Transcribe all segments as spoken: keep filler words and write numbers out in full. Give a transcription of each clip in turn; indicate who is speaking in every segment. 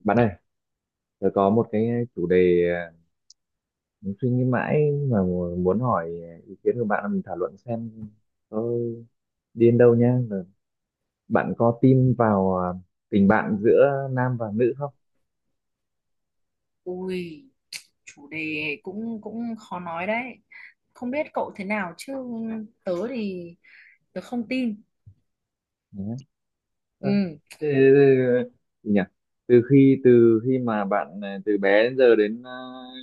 Speaker 1: Bạn ơi, tôi có một cái chủ đề à, mình suy nghĩ mãi mà mu- muốn hỏi à, ý kiến của bạn là mình thảo luận xem có đi đến đâu nhá. Rồi bạn có tin vào à, tình bạn giữa nam và nữ không?
Speaker 2: Ui, chủ đề cũng cũng khó nói đấy. Không biết cậu thế nào chứ tớ thì tớ không tin.
Speaker 1: Nhá. Ơ,
Speaker 2: Ừ,
Speaker 1: thế- thế- thế- gì nhỉ? Từ khi từ khi mà bạn à, từ bé đến giờ đến à,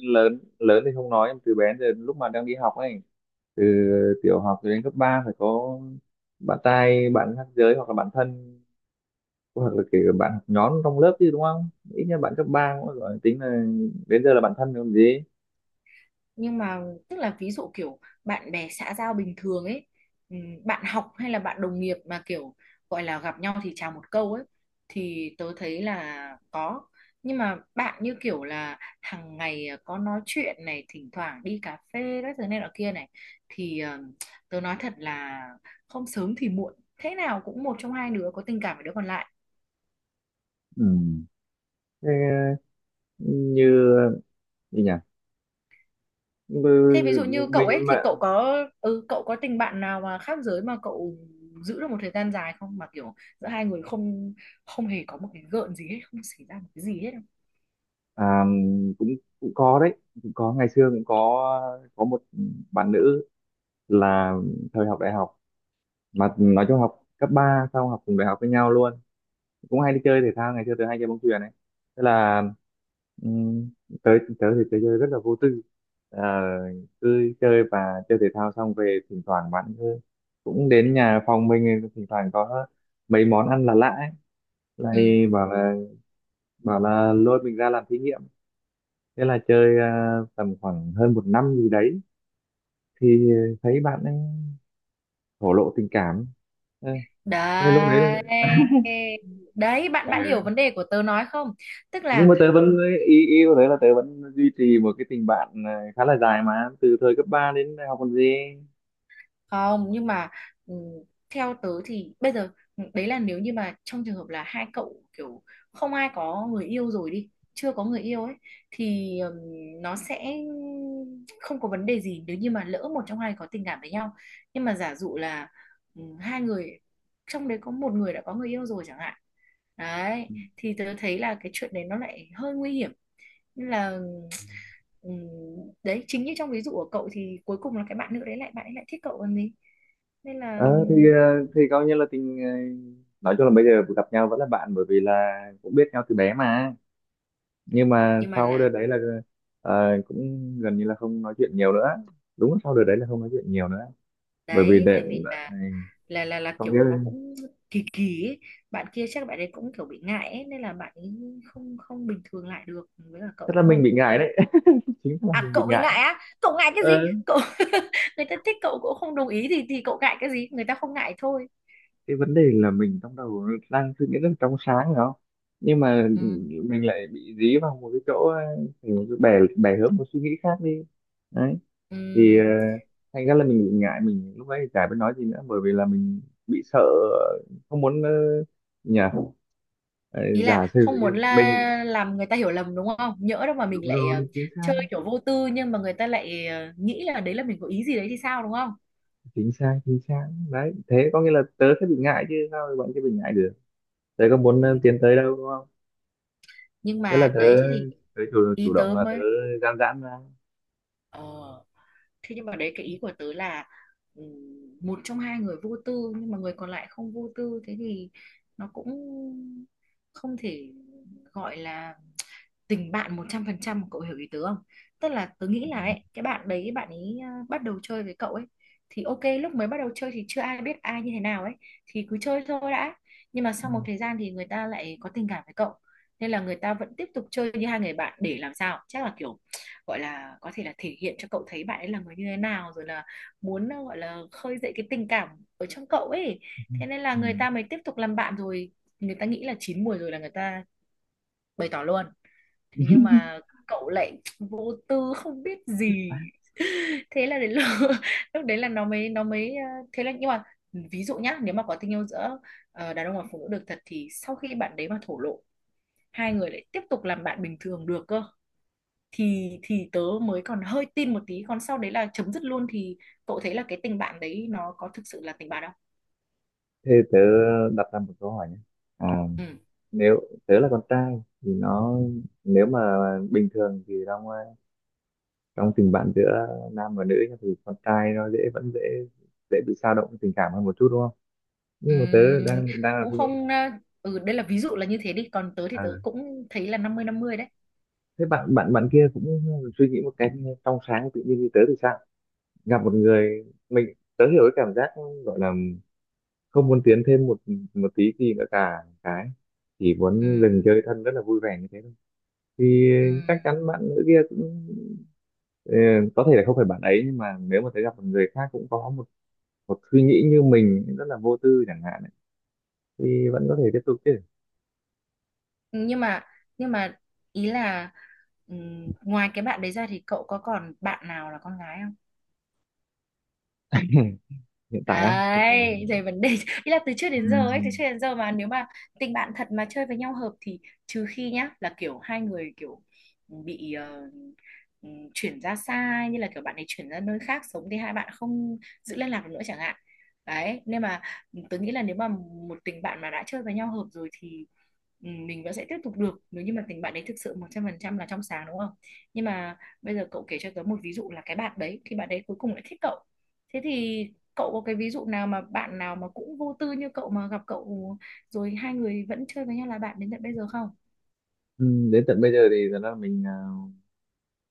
Speaker 1: lớn lớn thì không nói, từ bé đến giờ lúc mà đang đi học ấy, từ tiểu học đến cấp ba phải có bạn trai, bạn khác giới, hoặc là bạn thân, hoặc là kể cả bạn học nhóm trong lớp chứ, đúng không? Ít nhất bạn cấp ba cũng gọi tính là đến giờ là bạn thân rồi còn gì.
Speaker 2: nhưng mà tức là, ví dụ kiểu bạn bè xã giao bình thường ấy, ừm, bạn học hay là bạn đồng nghiệp mà kiểu gọi là gặp nhau thì chào một câu ấy, thì tớ thấy là có. Nhưng mà bạn như kiểu là hàng ngày ờ, có nói chuyện này, thỉnh thoảng đi cà phê các thứ này nọ kia này, thì ờm, tớ nói thật là không sớm thì muộn thế nào cũng một trong hai đứa có tình cảm với đứa còn lại.
Speaker 1: Ừ. Thế, ừ, như gì nhỉ. Ừ,
Speaker 2: Thế ví dụ như cậu
Speaker 1: mình
Speaker 2: ấy, thì
Speaker 1: mà
Speaker 2: cậu có ừ cậu có tình bạn nào mà khác giới mà cậu giữ được một thời gian dài không, mà kiểu giữa hai người không không hề có một cái gợn gì hết, không xảy ra một cái gì hết không?
Speaker 1: à, cũng cũng có đấy, cũng có. Ngày xưa cũng có có một bạn nữ, là thời học đại học, mà nói chung học cấp ba xong học cùng đại học với nhau luôn, cũng hay đi chơi thể thao. Ngày xưa tớ hay chơi bóng chuyền ấy, tức là um, tớ tớ thì tớ chơi rất là vô tư. Ờ, cứ chơi và chơi thể thao xong về, thỉnh thoảng bạn cứ- cũng đến nhà phòng mình, thỉnh thoảng có mấy món ăn là lạ ấy,
Speaker 2: Ừ.
Speaker 1: lại bảo là, bảo là lôi mình ra làm thí nghiệm. Thế là chơi ờ, tầm khoảng hơn một năm gì đấy, thì thấy bạn ấy thổ lộ tình cảm. Ờ, thế lúc đấy là,
Speaker 2: Đấy. Đấy bạn bạn hiểu
Speaker 1: à,
Speaker 2: vấn đề của tớ nói không? Tức
Speaker 1: nhưng
Speaker 2: là
Speaker 1: mà tớ
Speaker 2: ừ,
Speaker 1: vẫn, ý ý của tớ là tớ vẫn duy trì một cái tình bạn ờ, khá là dài mà từ thời cấp ba đến đại học còn gì.
Speaker 2: không, nhưng mà ừ, theo tớ thì bây giờ ừ, đấy là nếu như mà trong trường hợp là hai cậu kiểu không ai có người yêu rồi, đi, chưa có người yêu ấy, thì ừm, nó sẽ không có vấn đề gì nếu như mà lỡ một trong hai có tình cảm với nhau. Nhưng mà giả dụ là ừm, hai người trong đấy có một người đã có người yêu rồi chẳng hạn, đấy, thì tớ thấy là cái chuyện đấy nó lại hơi nguy hiểm. Nên là ừ, Ừ, đấy chính như trong ví dụ của cậu, thì cuối cùng là cái bạn nữ đấy, lại bạn ấy lại thích cậu còn gì, nên là.
Speaker 1: Ờ thì ờ, thì coi như là tình ờ, nói chung là bây giờ gặp nhau vẫn là bạn, bởi vì là cũng biết nhau từ bé mà. Nhưng mà
Speaker 2: Nhưng mà
Speaker 1: sau đợt
Speaker 2: là
Speaker 1: đấy là ờ, cũng gần như là không nói chuyện nhiều nữa, đúng là sau đợt đấy là không nói chuyện nhiều nữa, bởi vì
Speaker 2: Đấy
Speaker 1: để,
Speaker 2: tại vì là
Speaker 1: để
Speaker 2: là là là
Speaker 1: không biết.
Speaker 2: kiểu nó cũng kỳ kỳ ấy. Bạn kia chắc bạn ấy cũng kiểu bị ngại ấy, nên là bạn ấy không không bình thường lại được với cả
Speaker 1: Tức
Speaker 2: cậu
Speaker 1: là
Speaker 2: đúng
Speaker 1: mình
Speaker 2: không.
Speaker 1: bị ngại đấy. Chính là
Speaker 2: À,
Speaker 1: mình bị
Speaker 2: cậu bị
Speaker 1: ngại.
Speaker 2: ngại á? Cậu ngại cái gì cậu? Người ta thích cậu, cậu không đồng ý thì thì cậu ngại cái gì, người ta không ngại thôi.
Speaker 1: Cái vấn đề là mình trong đầu đang suy nghĩ rất là trong sáng phải không, nhưng mà
Speaker 2: Ừ.
Speaker 1: mình lại bị dí vào một cái chỗ ờ, thành một cái bè bè hướng một suy nghĩ khác đi, đấy.
Speaker 2: Ừ.
Speaker 1: Thì ờ, thành ra là mình bị ngại, mình lúc đấy thì chả biết nói gì nữa, bởi vì là mình bị sợ, không muốn ờ, nhỉ, ờ,
Speaker 2: Ý
Speaker 1: giả
Speaker 2: là
Speaker 1: sử
Speaker 2: không muốn
Speaker 1: như mình
Speaker 2: là làm người ta hiểu lầm, đúng không, nhỡ đâu mà
Speaker 1: đúng
Speaker 2: mình lại ờ,
Speaker 1: rồi. Chính xác,
Speaker 2: chơi kiểu vô tư nhưng mà người ta lại ờ, nghĩ là đấy là mình có ý gì đấy thì sao, đúng không?
Speaker 1: chính xác, chính xác đấy, thế có nghĩa là tớ sẽ bị ngại chứ sao bạn kia bị ngại được. Tớ có muốn
Speaker 2: Ừ.
Speaker 1: ờ, tiến tới đâu đúng không.
Speaker 2: Nhưng
Speaker 1: Thế là
Speaker 2: mà
Speaker 1: tớ,
Speaker 2: đấy thế thì
Speaker 1: tớ chủ, chủ
Speaker 2: ý
Speaker 1: động
Speaker 2: tớ
Speaker 1: là tớ
Speaker 2: mới
Speaker 1: gian giãn ra.
Speaker 2: ờ thế. Nhưng mà đấy, cái ý của tớ là ừ, một trong hai người vô tư nhưng mà người còn lại không vô tư, thế thì nó cũng không thể gọi là tình bạn một trăm phần trăm, cậu hiểu ý tớ không? Tức là tớ nghĩ là ấy, cái bạn đấy, bạn ấy à, bắt đầu chơi với cậu ấy thì ok, lúc mới bắt đầu chơi thì chưa ai biết ai như thế nào ấy, thì cứ chơi thôi đã. Nhưng mà sau một thời gian thì người ta lại có tình cảm với cậu, nên là người ta vẫn tiếp tục chơi như hai người bạn, để làm sao chắc là kiểu gọi là có thể là thể hiện cho cậu thấy bạn ấy là người như thế nào, rồi là muốn à, gọi là khơi dậy cái tình cảm ở trong cậu ấy.
Speaker 1: Ừ.
Speaker 2: Thế nên là
Speaker 1: Ừ.
Speaker 2: người ta mới tiếp tục làm bạn rồi người ta nghĩ là chín mùi rồi là người ta bày tỏ luôn. Thế nhưng mà cậu lại vô tư không biết gì. Thế là đến lúc, lúc đấy là nó mới nó mới ờ, thế là. Nhưng mà ví dụ nhá, nếu mà có tình yêu giữa ờ, đàn ông và phụ nữ được thật, thì sau khi bạn đấy mà thổ lộ, hai người lại tiếp tục làm bạn bình thường được cơ, thì thì tớ mới còn hơi tin một tí, còn sau đấy là chấm dứt luôn thì cậu thấy là cái tình bạn đấy nó có thực sự là tình bạn không?
Speaker 1: Thế tớ đặt ra một câu hỏi nhé. À,
Speaker 2: Ừ.
Speaker 1: nếu tớ là con trai thì nó, nếu mà bình thường thì trong ờ, trong tình bạn giữa nam và nữ nhá, thì con trai nó dễ, vẫn dễ, dễ bị dao động tình cảm hơn một chút đúng không? Nhưng mà tớ
Speaker 2: Ừm,
Speaker 1: đang đang là
Speaker 2: Cũng
Speaker 1: suy nghĩ,
Speaker 2: không ờ, ừ đây là ví dụ là như thế đi, còn tớ thì
Speaker 1: à,
Speaker 2: tớ cũng thấy là năm mươi năm mươi đấy.
Speaker 1: thế bạn bạn bạn kia cũng suy nghĩ một cách trong sáng tự nhiên như tớ thì sao? Gặp một người, mình tớ hiểu cái cảm giác gọi là không muốn tiến thêm một một tí gì nữa cả, cái chỉ
Speaker 2: Ừ.
Speaker 1: muốn dừng chơi thân rất là vui vẻ như thế thôi, thì
Speaker 2: Ừ.
Speaker 1: chắc chắn bạn nữ kia cũng ờ, có thể là không phải bạn ấy, nhưng mà nếu mà thấy gặp một người khác cũng có một một suy nghĩ như mình rất là vô tư chẳng hạn ấy, thì vẫn có thể tiếp tục chứ.
Speaker 2: nhưng mà nhưng mà ý là, ừm, ngoài cái bạn đấy ra thì cậu có còn bạn nào là con gái?
Speaker 1: Hiện tại á, hiện tại,
Speaker 2: Đấy, thì vấn đề. Ý là từ trước đến giờ ấy, từ
Speaker 1: ừm,
Speaker 2: trước đến giờ mà nếu mà tình bạn thật mà chơi với nhau hợp thì, trừ khi nhá là kiểu hai người kiểu ừ, bị ờ, ừ, chuyển ra xa ấy, như là kiểu bạn ấy chuyển ra nơi khác sống thì hai bạn không giữ liên lạc được nữa chẳng hạn. Đấy, nên mà tớ nghĩ là nếu mà một tình bạn mà đã chơi với nhau hợp rồi thì ừ, mình vẫn sẽ tiếp tục được nếu như mà tình bạn ấy thực sự một trăm phần trăm là trong sáng, đúng không? Nhưng mà bây giờ cậu kể cho tớ một ví dụ là cái bạn đấy thì bạn đấy cuối cùng lại thích cậu, thế thì cậu có cái ví dụ nào mà bạn nào mà cũng vô tư như cậu mà gặp cậu rồi hai người vẫn chơi với nhau là bạn đến tận bây giờ không?
Speaker 1: ừm, đến tận bây giờ thì thật ra là mình à,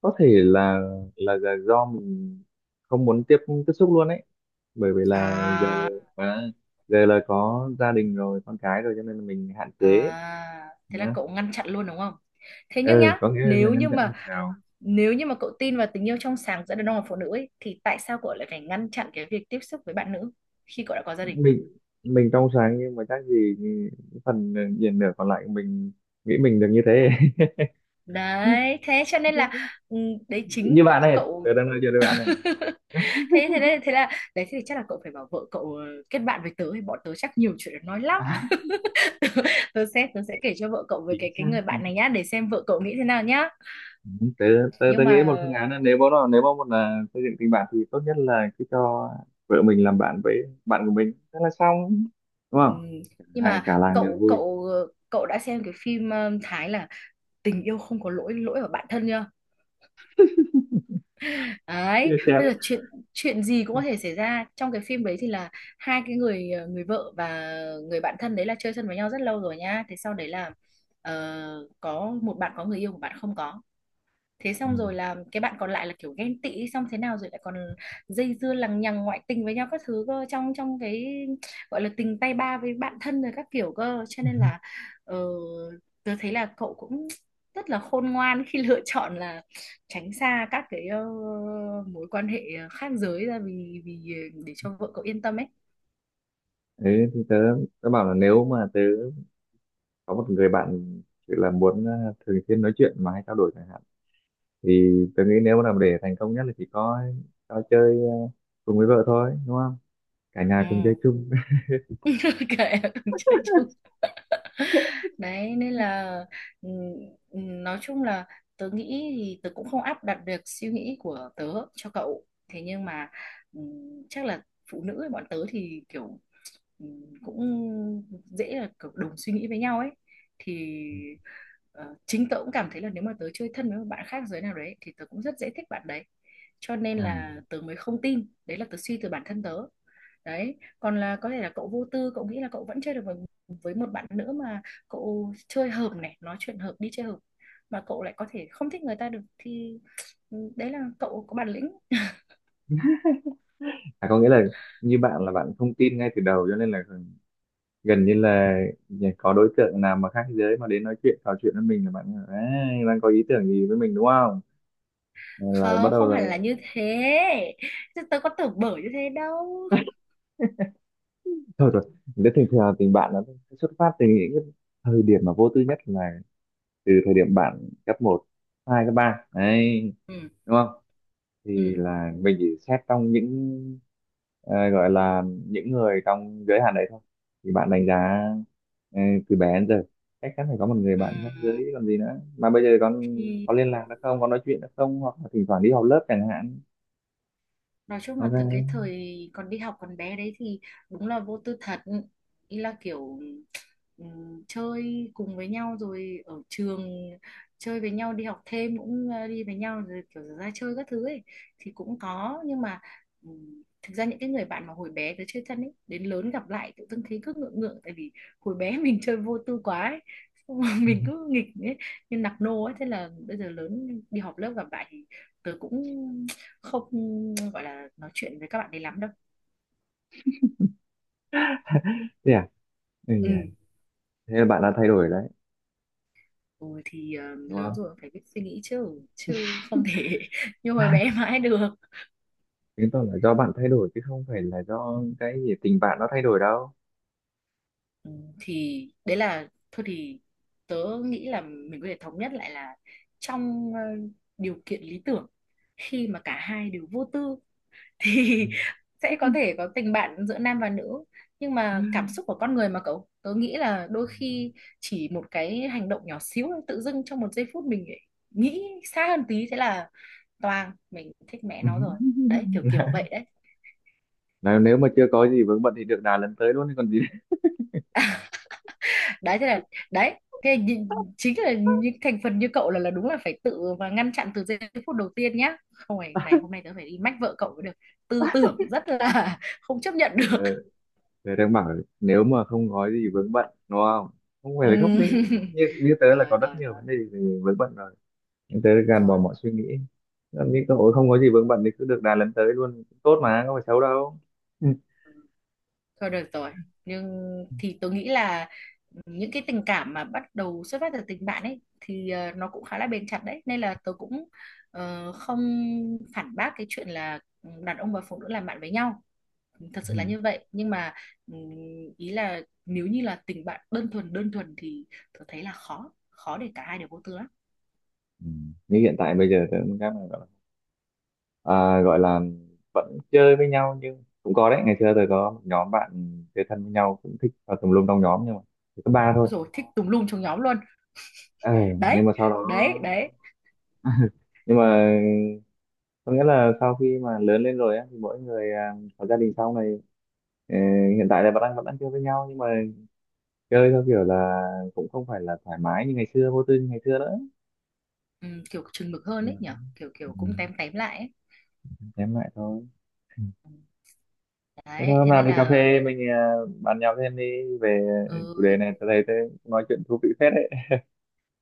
Speaker 1: có thể là, là là do mình không muốn tiếp tiếp xúc luôn ấy, bởi vì là giờ
Speaker 2: à,
Speaker 1: à, giờ là có gia đình rồi, con cái rồi, cho nên là mình hạn chế.
Speaker 2: à thế là
Speaker 1: Nhá.
Speaker 2: cậu ngăn chặn luôn đúng không? Thế nhưng
Speaker 1: Ừ,
Speaker 2: nhá,
Speaker 1: có nghĩa là
Speaker 2: nếu
Speaker 1: ngăn
Speaker 2: như
Speaker 1: chặn như
Speaker 2: mà
Speaker 1: thế nào.
Speaker 2: nếu như mà cậu tin vào tình yêu trong sáng giữa đàn ông và phụ nữ ấy, thì tại sao cậu lại phải ngăn chặn cái việc tiếp xúc với bạn nữ khi cậu đã có gia đình?
Speaker 1: mình mình trong sáng nhưng mà chắc gì phần diện nửa còn lại của mình nghĩ mình được như thế.
Speaker 2: Đấy thế cho nên là ừ, đấy chính
Speaker 1: Như bạn này, tớ
Speaker 2: cậu.
Speaker 1: đang nói chuyện với bạn này.
Speaker 2: thế thế nên thế là đấy, thì chắc là cậu phải bảo vợ cậu ờ, kết bạn với tớ thì bọn tớ chắc nhiều chuyện để nói lắm. tớ sẽ tớ sẽ kể cho vợ cậu về
Speaker 1: Chính
Speaker 2: cái cái
Speaker 1: xác.
Speaker 2: người bạn này nhá, để xem vợ cậu nghĩ thế nào nhá.
Speaker 1: Ừ, tớ, tớ, tớ
Speaker 2: nhưng
Speaker 1: nghĩ
Speaker 2: mà
Speaker 1: một phương án là nếu mà, nếu mà một là xây dựng tình bạn thì tốt nhất là cứ cho vợ mình làm bạn với bạn của mình, thế là xong, đúng không,
Speaker 2: ừm, nhưng
Speaker 1: hai
Speaker 2: mà
Speaker 1: cả làng đều
Speaker 2: cậu
Speaker 1: vui.
Speaker 2: cậu cậu đã xem cái phim ừm, Thái là Tình yêu không có lỗi, lỗi ở bản thân chưa? Đấy
Speaker 1: Chia sẻ.
Speaker 2: bây giờ chuyện chuyện gì cũng có thể xảy ra. Trong cái phim đấy thì là hai cái người ờ, người vợ và người bạn thân đấy là chơi thân với nhau rất lâu rồi nhá, thế sau đấy là ờ, có một bạn có người yêu, một bạn không có. Thế
Speaker 1: Ừ.
Speaker 2: xong rồi là cái bạn còn lại là kiểu ghen tị, xong thế nào rồi lại còn dây dưa lằng nhằng ngoại tình với nhau các thứ cơ, trong trong cái gọi là tình tay ba với bạn thân rồi các kiểu cơ. Cho nên là ờ, tớ thấy là cậu cũng rất là khôn ngoan khi lựa chọn là tránh xa các cái ờ, mối quan hệ khác giới ra, vì vì để cho vợ cậu yên tâm ấy.
Speaker 1: Thế thì tớ, tớ bảo là nếu mà tớ có một người bạn chỉ là muốn ờ, thường xuyên nói chuyện mà hay trao đổi chẳng hạn, thì tớ nghĩ nếu mà làm để thành công nhất là chỉ có cho chơi ờ, cùng với vợ thôi, đúng không, cả
Speaker 2: Ừ.
Speaker 1: nhà cùng chơi chung.
Speaker 2: Kệ, cùng chơi chung. Đấy nên là ừ, ừ, nói chung là tớ nghĩ thì tớ cũng không áp đặt được suy nghĩ của tớ cho cậu, thế nhưng mà ừ, chắc là phụ nữ bọn tớ thì kiểu ừ, cũng dễ là kiểu đồng suy nghĩ với nhau ấy, thì ờ, chính tớ cũng cảm thấy là nếu mà tớ chơi thân với một bạn khác giới nào đấy thì tớ cũng rất dễ thích bạn đấy, cho nên
Speaker 1: À,
Speaker 2: là tớ mới không tin. Đấy là tớ suy từ bản thân tớ. Đấy còn là có thể là cậu vô tư, cậu nghĩ là cậu vẫn chơi được với, với một bạn nữ mà cậu chơi hợp này, nói chuyện hợp, đi chơi hợp mà cậu lại có thể không thích người ta được, thì ừ, đấy là cậu có bản lĩnh.
Speaker 1: à có nghĩa là như bạn là bạn không tin ngay từ đầu, cho nên là gần như là có đối tượng nào mà khác giới mà đến nói chuyện trò chuyện với mình là bạn "Ấy, đang có ý tưởng gì với mình đúng không", là bắt
Speaker 2: Không,
Speaker 1: đầu
Speaker 2: không
Speaker 1: là
Speaker 2: hẳn là như thế, chứ tớ có tưởng bở như thế đâu.
Speaker 1: thôi rồi. Nếu thường thường tình bạn nó xuất phát từ những cái thời điểm mà vô tư nhất là từ thời điểm bạn cấp một, hai, cấp ba, đấy,
Speaker 2: Ừ,
Speaker 1: đúng không, thì
Speaker 2: ừ,
Speaker 1: là mình chỉ xét trong những ờ, gọi là những người trong giới hạn đấy thôi, thì bạn đánh giá ờ, từ bé đến giờ chắc chắn phải có một người
Speaker 2: ừ.
Speaker 1: bạn khác giới còn gì nữa, mà bây giờ con
Speaker 2: Thì
Speaker 1: có liên lạc được không, có nói chuyện được không, hoặc là thỉnh thoảng đi học lớp chẳng hạn.
Speaker 2: nói chung là
Speaker 1: Ok.
Speaker 2: từ cái thời còn đi học còn bé đấy thì đúng là vô tư thật. Ý là kiểu ừm, chơi cùng với nhau rồi ở trường, chơi với nhau, đi học thêm cũng ờ, đi với nhau, rồi kiểu ra chơi các thứ ấy thì cũng có. Nhưng mà ừm, thực ra những cái người bạn mà hồi bé tới chơi thân ấy, đến lớn gặp lại tự dưng thấy cứ ngượng ngượng, tại vì hồi bé mình chơi vô tư quá ấy. Xong rồi mình cứ nghịch ấy, như nạc nô ấy, thế là bây giờ lớn đi họp lớp gặp lại thì tớ cũng không gọi là nói chuyện với các bạn ấy lắm đâu.
Speaker 1: Thế à. Ừ,
Speaker 2: Ừ.
Speaker 1: nhỉ. Thế là bạn đã thay đổi đấy,
Speaker 2: Ừ, thì ờ,
Speaker 1: đúng
Speaker 2: lớn
Speaker 1: không,
Speaker 2: rồi phải biết suy nghĩ chứ chứ không thể như hồi bé mãi được.
Speaker 1: chứng tỏ là do bạn thay đổi chứ không phải là do cái gì tình bạn nó thay đổi đâu.
Speaker 2: ừ, thì đấy là thôi thì tớ nghĩ là mình có thể thống nhất lại là trong ờ, điều kiện lý tưởng, khi mà cả hai đều vô tư thì sẽ có thể có tình bạn giữa nam và nữ. Nhưng mà cảm xúc của con người mà cậu, tớ nghĩ là đôi khi chỉ một cái hành động nhỏ xíu thôi, tự dưng trong một giây phút mình lại nghĩ xa hơn tí, thế là toang, mình thích mẹ
Speaker 1: Ừ.
Speaker 2: nó rồi. Đấy kiểu kiểu vậy đấy.
Speaker 1: Nếu, nếu mà chưa có gì vướng bận thì được đà lần tới luôn chứ còn gì.
Speaker 2: Đấy thế là đấy thế là nhìn- chính là những thành phần như cậu là là đúng là phải tự và ngăn chặn từ giây phút đầu tiên nhá, không phải này, hôm nay tớ phải đi mách vợ cậu mới được. Tư tưởng rất là không chấp nhận
Speaker 1: Ờ,
Speaker 2: được.
Speaker 1: tớ đang bảo nếu mà không có gì vướng bận, đúng không? Không phải là không đấy.
Speaker 2: Ừ.
Speaker 1: Như, như tớ là
Speaker 2: Rồi,
Speaker 1: có rất
Speaker 2: rồi,
Speaker 1: nhiều
Speaker 2: rồi,
Speaker 1: vấn đề về vướng bận rồi. Nhưng tớ gạt bỏ
Speaker 2: rồi.
Speaker 1: mọi suy nghĩ. Làm như cơ hội không có gì vướng bận thì cứ được đà lần tới luôn. Tốt mà, không phải xấu đâu. Ừ.
Speaker 2: Thôi được rồi. Nhưng thì tôi nghĩ là những cái tình cảm mà bắt đầu xuất phát từ tình bạn ấy thì ờ, nó cũng khá là bền chặt đấy. Nên là tôi cũng ờ, không phản bác cái chuyện là ừ, đàn ông và phụ nữ làm bạn với nhau. Thật sự là
Speaker 1: Ừ.
Speaker 2: như vậy. Nhưng mà ừm, ý là nếu như là tình bạn đơn thuần đơn thuần thì tôi thấy là khó. Khó để cả hai đều vô tư lắm.
Speaker 1: Ừ. Như hiện tại bây giờ tớ cũng các bạn gọi là, à, gọi là vẫn chơi với nhau nhưng cũng có đấy. Ngày xưa tớ có một nhóm bạn chơi thân với nhau, cũng thích vào tùm lum trong nhóm nhưng mà chỉ có ba thôi.
Speaker 2: Rồi, thích tùm lum trong nhóm luôn.
Speaker 1: Ừ.
Speaker 2: Đấy,
Speaker 1: Nhưng mà sau đó,
Speaker 2: đấy, đấy.
Speaker 1: nhưng mà có nghĩa là sau khi mà lớn lên rồi á, thì mỗi người à, có gia đình sau này, ờ, hiện tại là vẫn đang vẫn đang chơi với nhau nhưng mà chơi theo kiểu là cũng không phải là thoải mái như ngày xưa, vô tư như ngày xưa nữa.
Speaker 2: Ừm, kiểu chừng mực hơn ấy
Speaker 1: Yeah.
Speaker 2: nhở. Kiểu kiểu
Speaker 1: Ừ.
Speaker 2: cũng tém tém lại ấy.
Speaker 1: Em lại thôi. Thế thôi
Speaker 2: Đấy,
Speaker 1: hôm
Speaker 2: thế
Speaker 1: nào
Speaker 2: nên
Speaker 1: đi cà
Speaker 2: là
Speaker 1: phê mình, à, bàn nhau thêm đi về chủ đề
Speaker 2: ừ,
Speaker 1: này. Tớ thấy tớ nói chuyện thú vị phết đấy.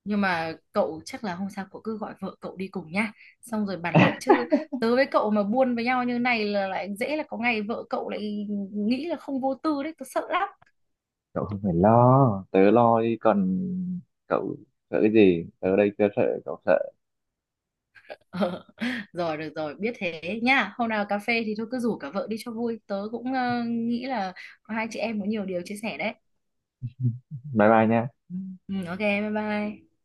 Speaker 2: nhưng mà cậu chắc là hôm sau cậu cứ gọi vợ cậu đi cùng nhá. Xong rồi bàn luận, chứ tớ với cậu mà buôn với nhau như này là lại dễ là có ngày vợ cậu lại nghĩ là không vô tư đấy, tớ sợ lắm.
Speaker 1: Cậu không phải lo, tớ lo đi còn, cậu sợ cái gì, tớ ở đây chưa sợ cậu sợ.
Speaker 2: Ờ. Rồi được rồi, biết thế nhá. Hôm nào cà phê thì thôi cứ rủ cả vợ đi cho vui. Tớ cũng ờ, nghĩ là hai chị em có nhiều điều chia sẻ đấy.
Speaker 1: Bye bye nha.
Speaker 2: Ừ, ok, bye bye.